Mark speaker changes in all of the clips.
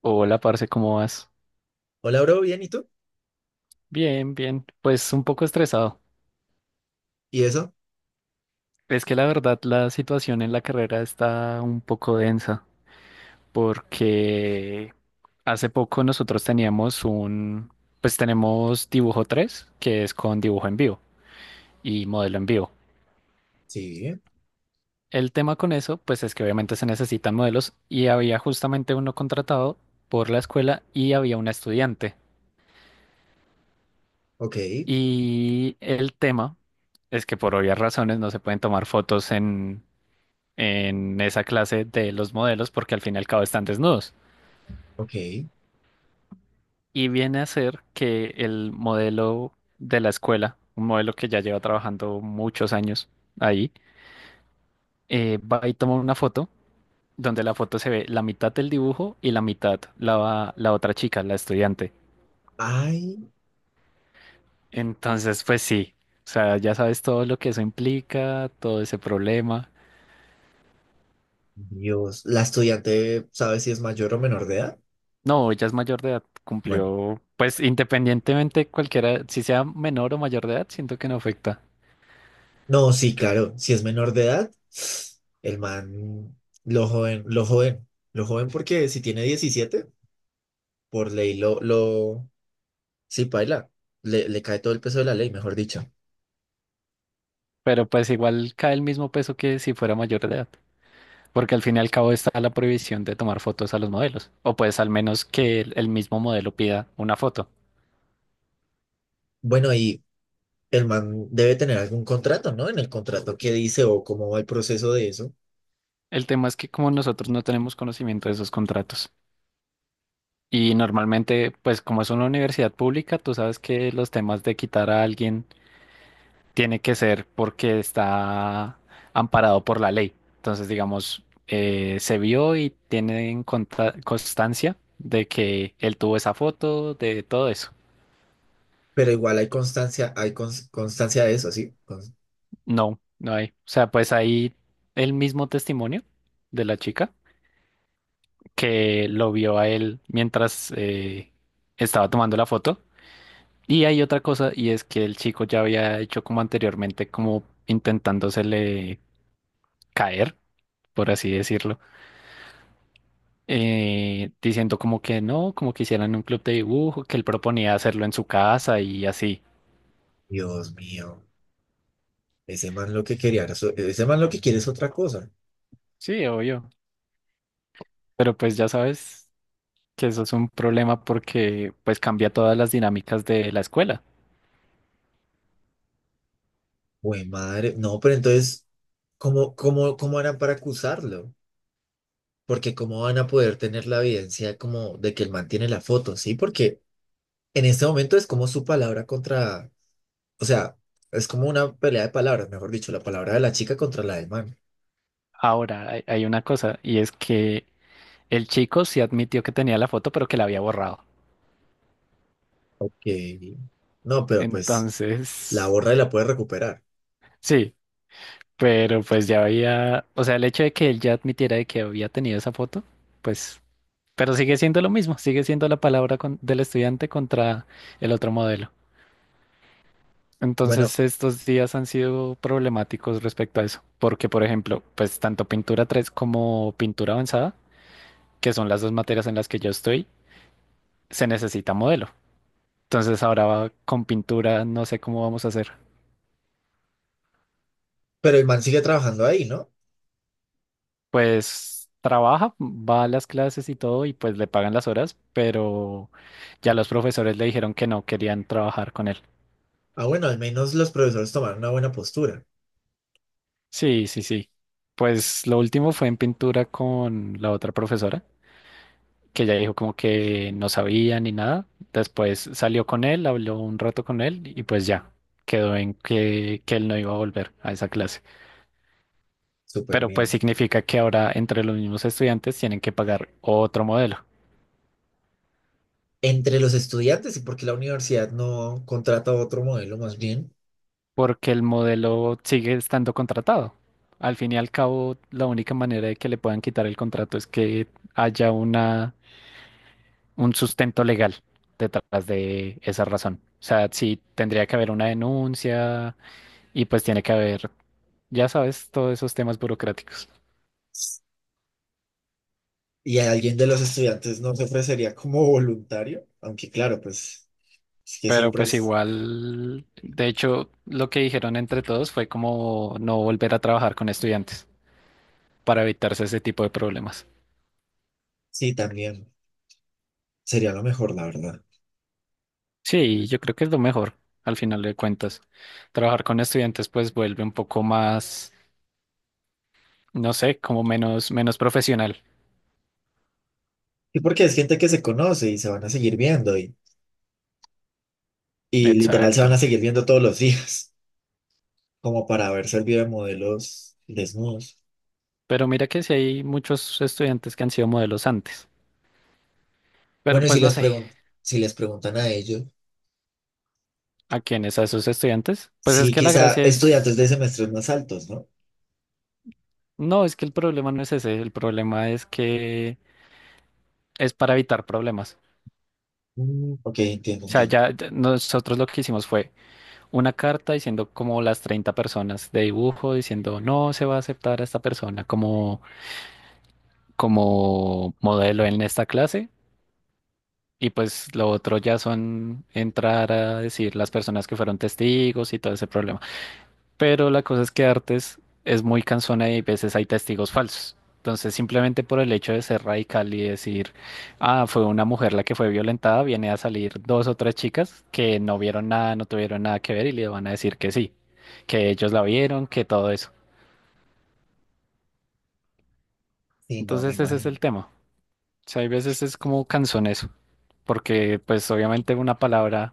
Speaker 1: Hola, parce, ¿cómo vas?
Speaker 2: Hola, bro, bien, ¿y tú?
Speaker 1: Bien, bien. Pues un poco estresado.
Speaker 2: ¿Y eso?
Speaker 1: Es que la verdad la situación en la carrera está un poco densa porque hace poco nosotros pues tenemos dibujo 3 que es con dibujo en vivo y modelo en vivo.
Speaker 2: Sí,
Speaker 1: El tema con eso, pues es que obviamente se necesitan modelos y había justamente uno contratado por la escuela y había una estudiante.
Speaker 2: ok,
Speaker 1: Y el tema es que por obvias razones no se pueden tomar fotos en esa clase de los modelos porque al fin y al cabo están desnudos.
Speaker 2: ok.
Speaker 1: Y viene a ser que el modelo de la escuela, un modelo que ya lleva trabajando muchos años ahí, va y toma una foto donde la foto se ve la mitad del dibujo y la mitad la otra chica, la estudiante.
Speaker 2: Ay,
Speaker 1: Entonces, pues sí, o sea, ya sabes todo lo que eso implica, todo ese problema.
Speaker 2: Dios, ¿la estudiante sabe si es mayor o menor de edad?
Speaker 1: No, ella es mayor de edad,
Speaker 2: Bueno,
Speaker 1: cumplió, pues independientemente cualquiera, si sea menor o mayor de edad, siento que no afecta.
Speaker 2: no, sí, claro, si es menor de edad, el man, lo joven porque si tiene 17, por ley lo, sí, paila, le cae todo el peso de la ley, mejor dicho.
Speaker 1: Pero pues igual cae el mismo peso que si fuera mayor de edad, porque al fin y al cabo está la prohibición de tomar fotos a los modelos, o pues al menos que el mismo modelo pida una foto.
Speaker 2: Bueno, y el man debe tener algún contrato, ¿no? En el contrato qué dice o cómo va el proceso de eso,
Speaker 1: El tema es que como nosotros no tenemos conocimiento de esos contratos y normalmente pues como es una universidad pública, tú sabes que los temas de quitar a alguien tiene que ser porque está amparado por la ley. Entonces digamos, se vio y tienen constancia de que él tuvo esa foto, de todo eso.
Speaker 2: pero igual hay constancia, constancia de eso, ¿sí?
Speaker 1: No, no hay. O sea, pues hay el mismo testimonio de la chica que lo vio a él mientras estaba tomando la foto. Y hay otra cosa, y es que el chico ya había hecho como anteriormente, como intentándosele caer, por así decirlo, diciendo como que no, como que hicieran un club de dibujo, que él proponía hacerlo en su casa y así.
Speaker 2: Dios mío, ese man lo que quería, ese man lo que quiere es otra cosa.
Speaker 1: Sí, obvio. Pero pues ya sabes que eso es un problema porque pues cambia todas las dinámicas de la escuela.
Speaker 2: Güey, madre, no, pero entonces, ¿cómo harán para acusarlo? Porque ¿cómo van a poder tener la evidencia como de que el man tiene la foto? Sí, porque en este momento es como su palabra contra, o sea, es como una pelea de palabras, mejor dicho, la palabra de la chica contra la del man.
Speaker 1: Ahora, hay una cosa, y es que el chico sí admitió que tenía la foto, pero que la había borrado.
Speaker 2: Ok, no, pero pues la
Speaker 1: Entonces,
Speaker 2: borra y la puede recuperar.
Speaker 1: sí, pero pues ya había, o sea, el hecho de que él ya admitiera de que había tenido esa foto, pues, pero sigue siendo lo mismo, sigue siendo la palabra del estudiante contra el otro modelo.
Speaker 2: Bueno,
Speaker 1: Entonces, estos días han sido problemáticos respecto a eso, porque, por ejemplo, pues tanto pintura 3 como pintura avanzada, que son las dos materias en las que yo estoy, se necesita modelo. Entonces ahora va con pintura, no sé cómo vamos a hacer.
Speaker 2: pero el man sigue trabajando ahí, ¿no?
Speaker 1: Pues trabaja, va a las clases y todo y pues le pagan las horas, pero ya los profesores le dijeron que no querían trabajar con él.
Speaker 2: Ah, bueno, al menos los profesores tomaron una buena postura.
Speaker 1: Sí, sí, sí. Pues lo último fue en pintura con la otra profesora, que ella dijo como que no sabía ni nada. Después salió con él, habló un rato con él y pues ya quedó en que él no iba a volver a esa clase.
Speaker 2: Súper
Speaker 1: Pero pues
Speaker 2: bien.
Speaker 1: significa que ahora entre los mismos estudiantes tienen que pagar otro modelo,
Speaker 2: Entre los estudiantes, y porque la universidad no contrata otro modelo más bien.
Speaker 1: porque el modelo sigue estando contratado. Al fin y al cabo, la única manera de que le puedan quitar el contrato es que haya un sustento legal detrás de esa razón. O sea, sí tendría que haber una denuncia y pues tiene que haber, ya sabes, todos esos temas burocráticos.
Speaker 2: Y a alguien de los estudiantes no se ofrecería como voluntario, aunque claro, pues es que
Speaker 1: Pero
Speaker 2: siempre
Speaker 1: pues
Speaker 2: es,
Speaker 1: igual, de hecho, lo que dijeron entre todos fue como no volver a trabajar con estudiantes para evitarse ese tipo de problemas.
Speaker 2: sí, también sería lo mejor, la verdad.
Speaker 1: Sí, yo creo que es lo mejor al final de cuentas. Trabajar con estudiantes pues vuelve un poco más, no sé, como menos profesional.
Speaker 2: Y porque es gente que se conoce y se van a seguir viendo, y literal se van a
Speaker 1: Exacto.
Speaker 2: seguir viendo todos los días, como para haber servido de modelos desnudos.
Speaker 1: Pero mira que sí hay muchos estudiantes que han sido modelos antes. Pero
Speaker 2: Bueno,
Speaker 1: pues no sé,
Speaker 2: si les preguntan a ellos,
Speaker 1: ¿a quiénes? ¿A esos estudiantes? Pues es
Speaker 2: sí,
Speaker 1: que la
Speaker 2: quizá
Speaker 1: gracia
Speaker 2: estudiantes
Speaker 1: es,
Speaker 2: de semestres más altos, ¿no?
Speaker 1: no, es que el problema no es ese, el problema es que es para evitar problemas.
Speaker 2: Mm, ok, entiendo,
Speaker 1: O sea,
Speaker 2: entiendo.
Speaker 1: ya nosotros lo que hicimos fue una carta diciendo como las 30 personas de dibujo, diciendo no se va a aceptar a esta persona como modelo en esta clase. Y pues lo otro ya son entrar a decir las personas que fueron testigos y todo ese problema. Pero la cosa es que Artes es muy cansona y a veces hay testigos falsos. Entonces, simplemente por el hecho de ser radical y decir, ah, fue una mujer la que fue violentada, viene a salir dos o tres chicas que no vieron nada, no tuvieron nada que ver y le van a decir que sí, que ellos la vieron, que todo eso.
Speaker 2: Sí, no, me
Speaker 1: Entonces, ese es
Speaker 2: imagino.
Speaker 1: el tema. Sea, hay veces es como canzoneso, porque pues obviamente una palabra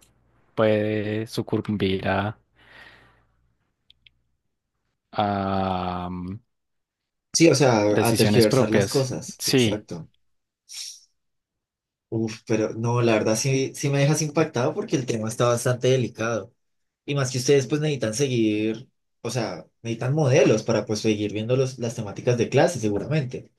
Speaker 1: puede sucumbir a, a, mm,
Speaker 2: Sí, o sea, a
Speaker 1: decisiones
Speaker 2: tergiversar las
Speaker 1: propias.
Speaker 2: cosas,
Speaker 1: Sí,
Speaker 2: exacto. Uf, pero no, la verdad sí, sí me dejas impactado porque el tema está bastante delicado. Y más que ustedes pues necesitan seguir, o sea, necesitan modelos para pues seguir viendo los, las temáticas de clase seguramente.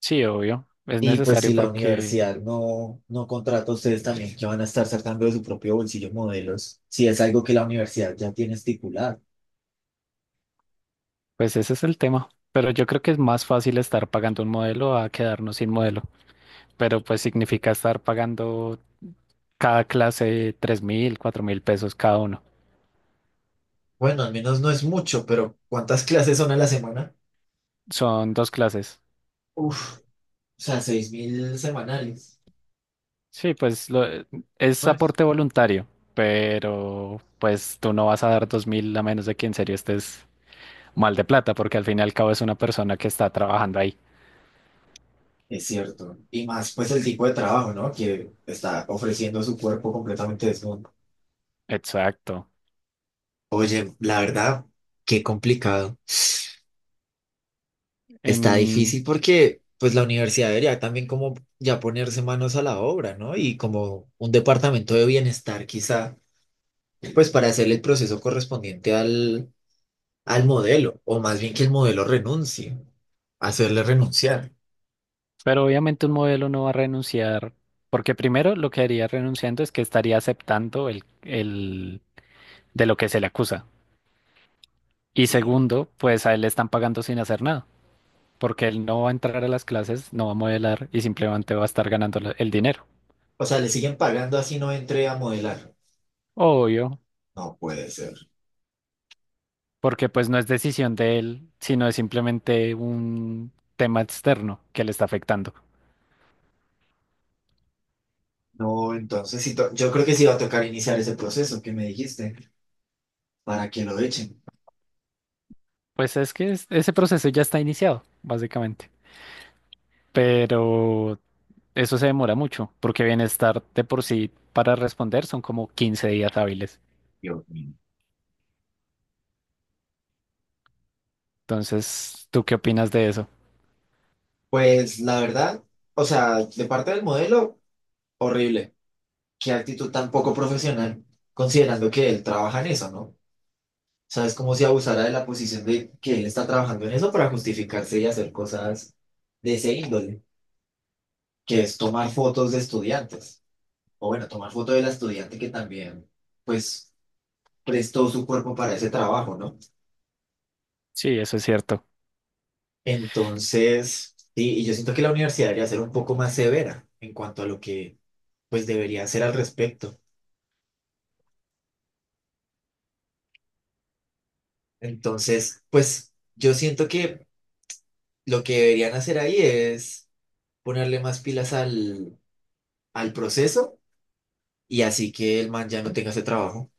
Speaker 1: sí, obvio, es
Speaker 2: Y pues si
Speaker 1: necesario
Speaker 2: la
Speaker 1: porque
Speaker 2: universidad no contrata a ustedes también, que van a estar sacando de su propio bolsillo modelos, si es algo que la universidad ya tiene estipulado.
Speaker 1: pues ese es el tema. Pero yo creo que es más fácil estar pagando un modelo a quedarnos sin modelo. Pero pues significa estar pagando cada clase 3.000, 4.000 pesos cada uno.
Speaker 2: Bueno, al menos no es mucho, pero ¿cuántas clases son a la semana?
Speaker 1: Son dos clases.
Speaker 2: Uf, o sea, 6.000 semanales.
Speaker 1: Sí, pues es
Speaker 2: Bueno.
Speaker 1: aporte voluntario, pero pues tú no vas a dar 2.000 a menos de que en serio estés mal de plata, porque al fin y al cabo es una persona que está trabajando ahí.
Speaker 2: Es cierto. Y más pues el tipo de trabajo, ¿no? Que está ofreciendo su cuerpo completamente desnudo.
Speaker 1: Exacto.
Speaker 2: Oye, la verdad, qué complicado. Está
Speaker 1: En-
Speaker 2: difícil porque pues la universidad debería también como ya ponerse manos a la obra, ¿no? Y como un departamento de bienestar quizá, pues para hacer el proceso correspondiente al modelo, o más bien que el modelo renuncie, hacerle renunciar.
Speaker 1: Pero obviamente un modelo no va a renunciar, porque primero lo que haría renunciando es que estaría aceptando el de lo que se le acusa. Y
Speaker 2: Sí.
Speaker 1: segundo, pues a él le están pagando sin hacer nada, porque él no va a entrar a las clases, no va a modelar y simplemente va a estar ganando el dinero.
Speaker 2: O sea, le siguen pagando así no entre a modelar.
Speaker 1: Obvio,
Speaker 2: No puede ser.
Speaker 1: porque pues no es decisión de él, sino es simplemente un tema externo que le está afectando.
Speaker 2: No, entonces yo creo que sí va a tocar iniciar ese proceso que me dijiste para que lo echen.
Speaker 1: Pues es que ese proceso ya está iniciado, básicamente. Pero eso se demora mucho, porque bienestar de por sí para responder son como 15 días hábiles.
Speaker 2: Dios mío.
Speaker 1: Entonces, ¿tú qué opinas de eso?
Speaker 2: Pues la verdad, o sea, de parte del modelo, horrible. Qué actitud tan poco profesional, considerando que él trabaja en eso, ¿no? O sea, es como si abusara de la posición de que él está trabajando en eso para justificarse y hacer cosas de ese índole, que es tomar fotos de estudiantes. O bueno, tomar fotos de la estudiante que también, pues, prestó su cuerpo para ese trabajo, ¿no?
Speaker 1: Sí, eso es cierto.
Speaker 2: Entonces, sí, y yo siento que la universidad debería ser un poco más severa en cuanto a lo que pues debería hacer al respecto. Entonces, pues yo siento que lo que deberían hacer ahí es ponerle más pilas al proceso y así que el man ya no tenga ese trabajo.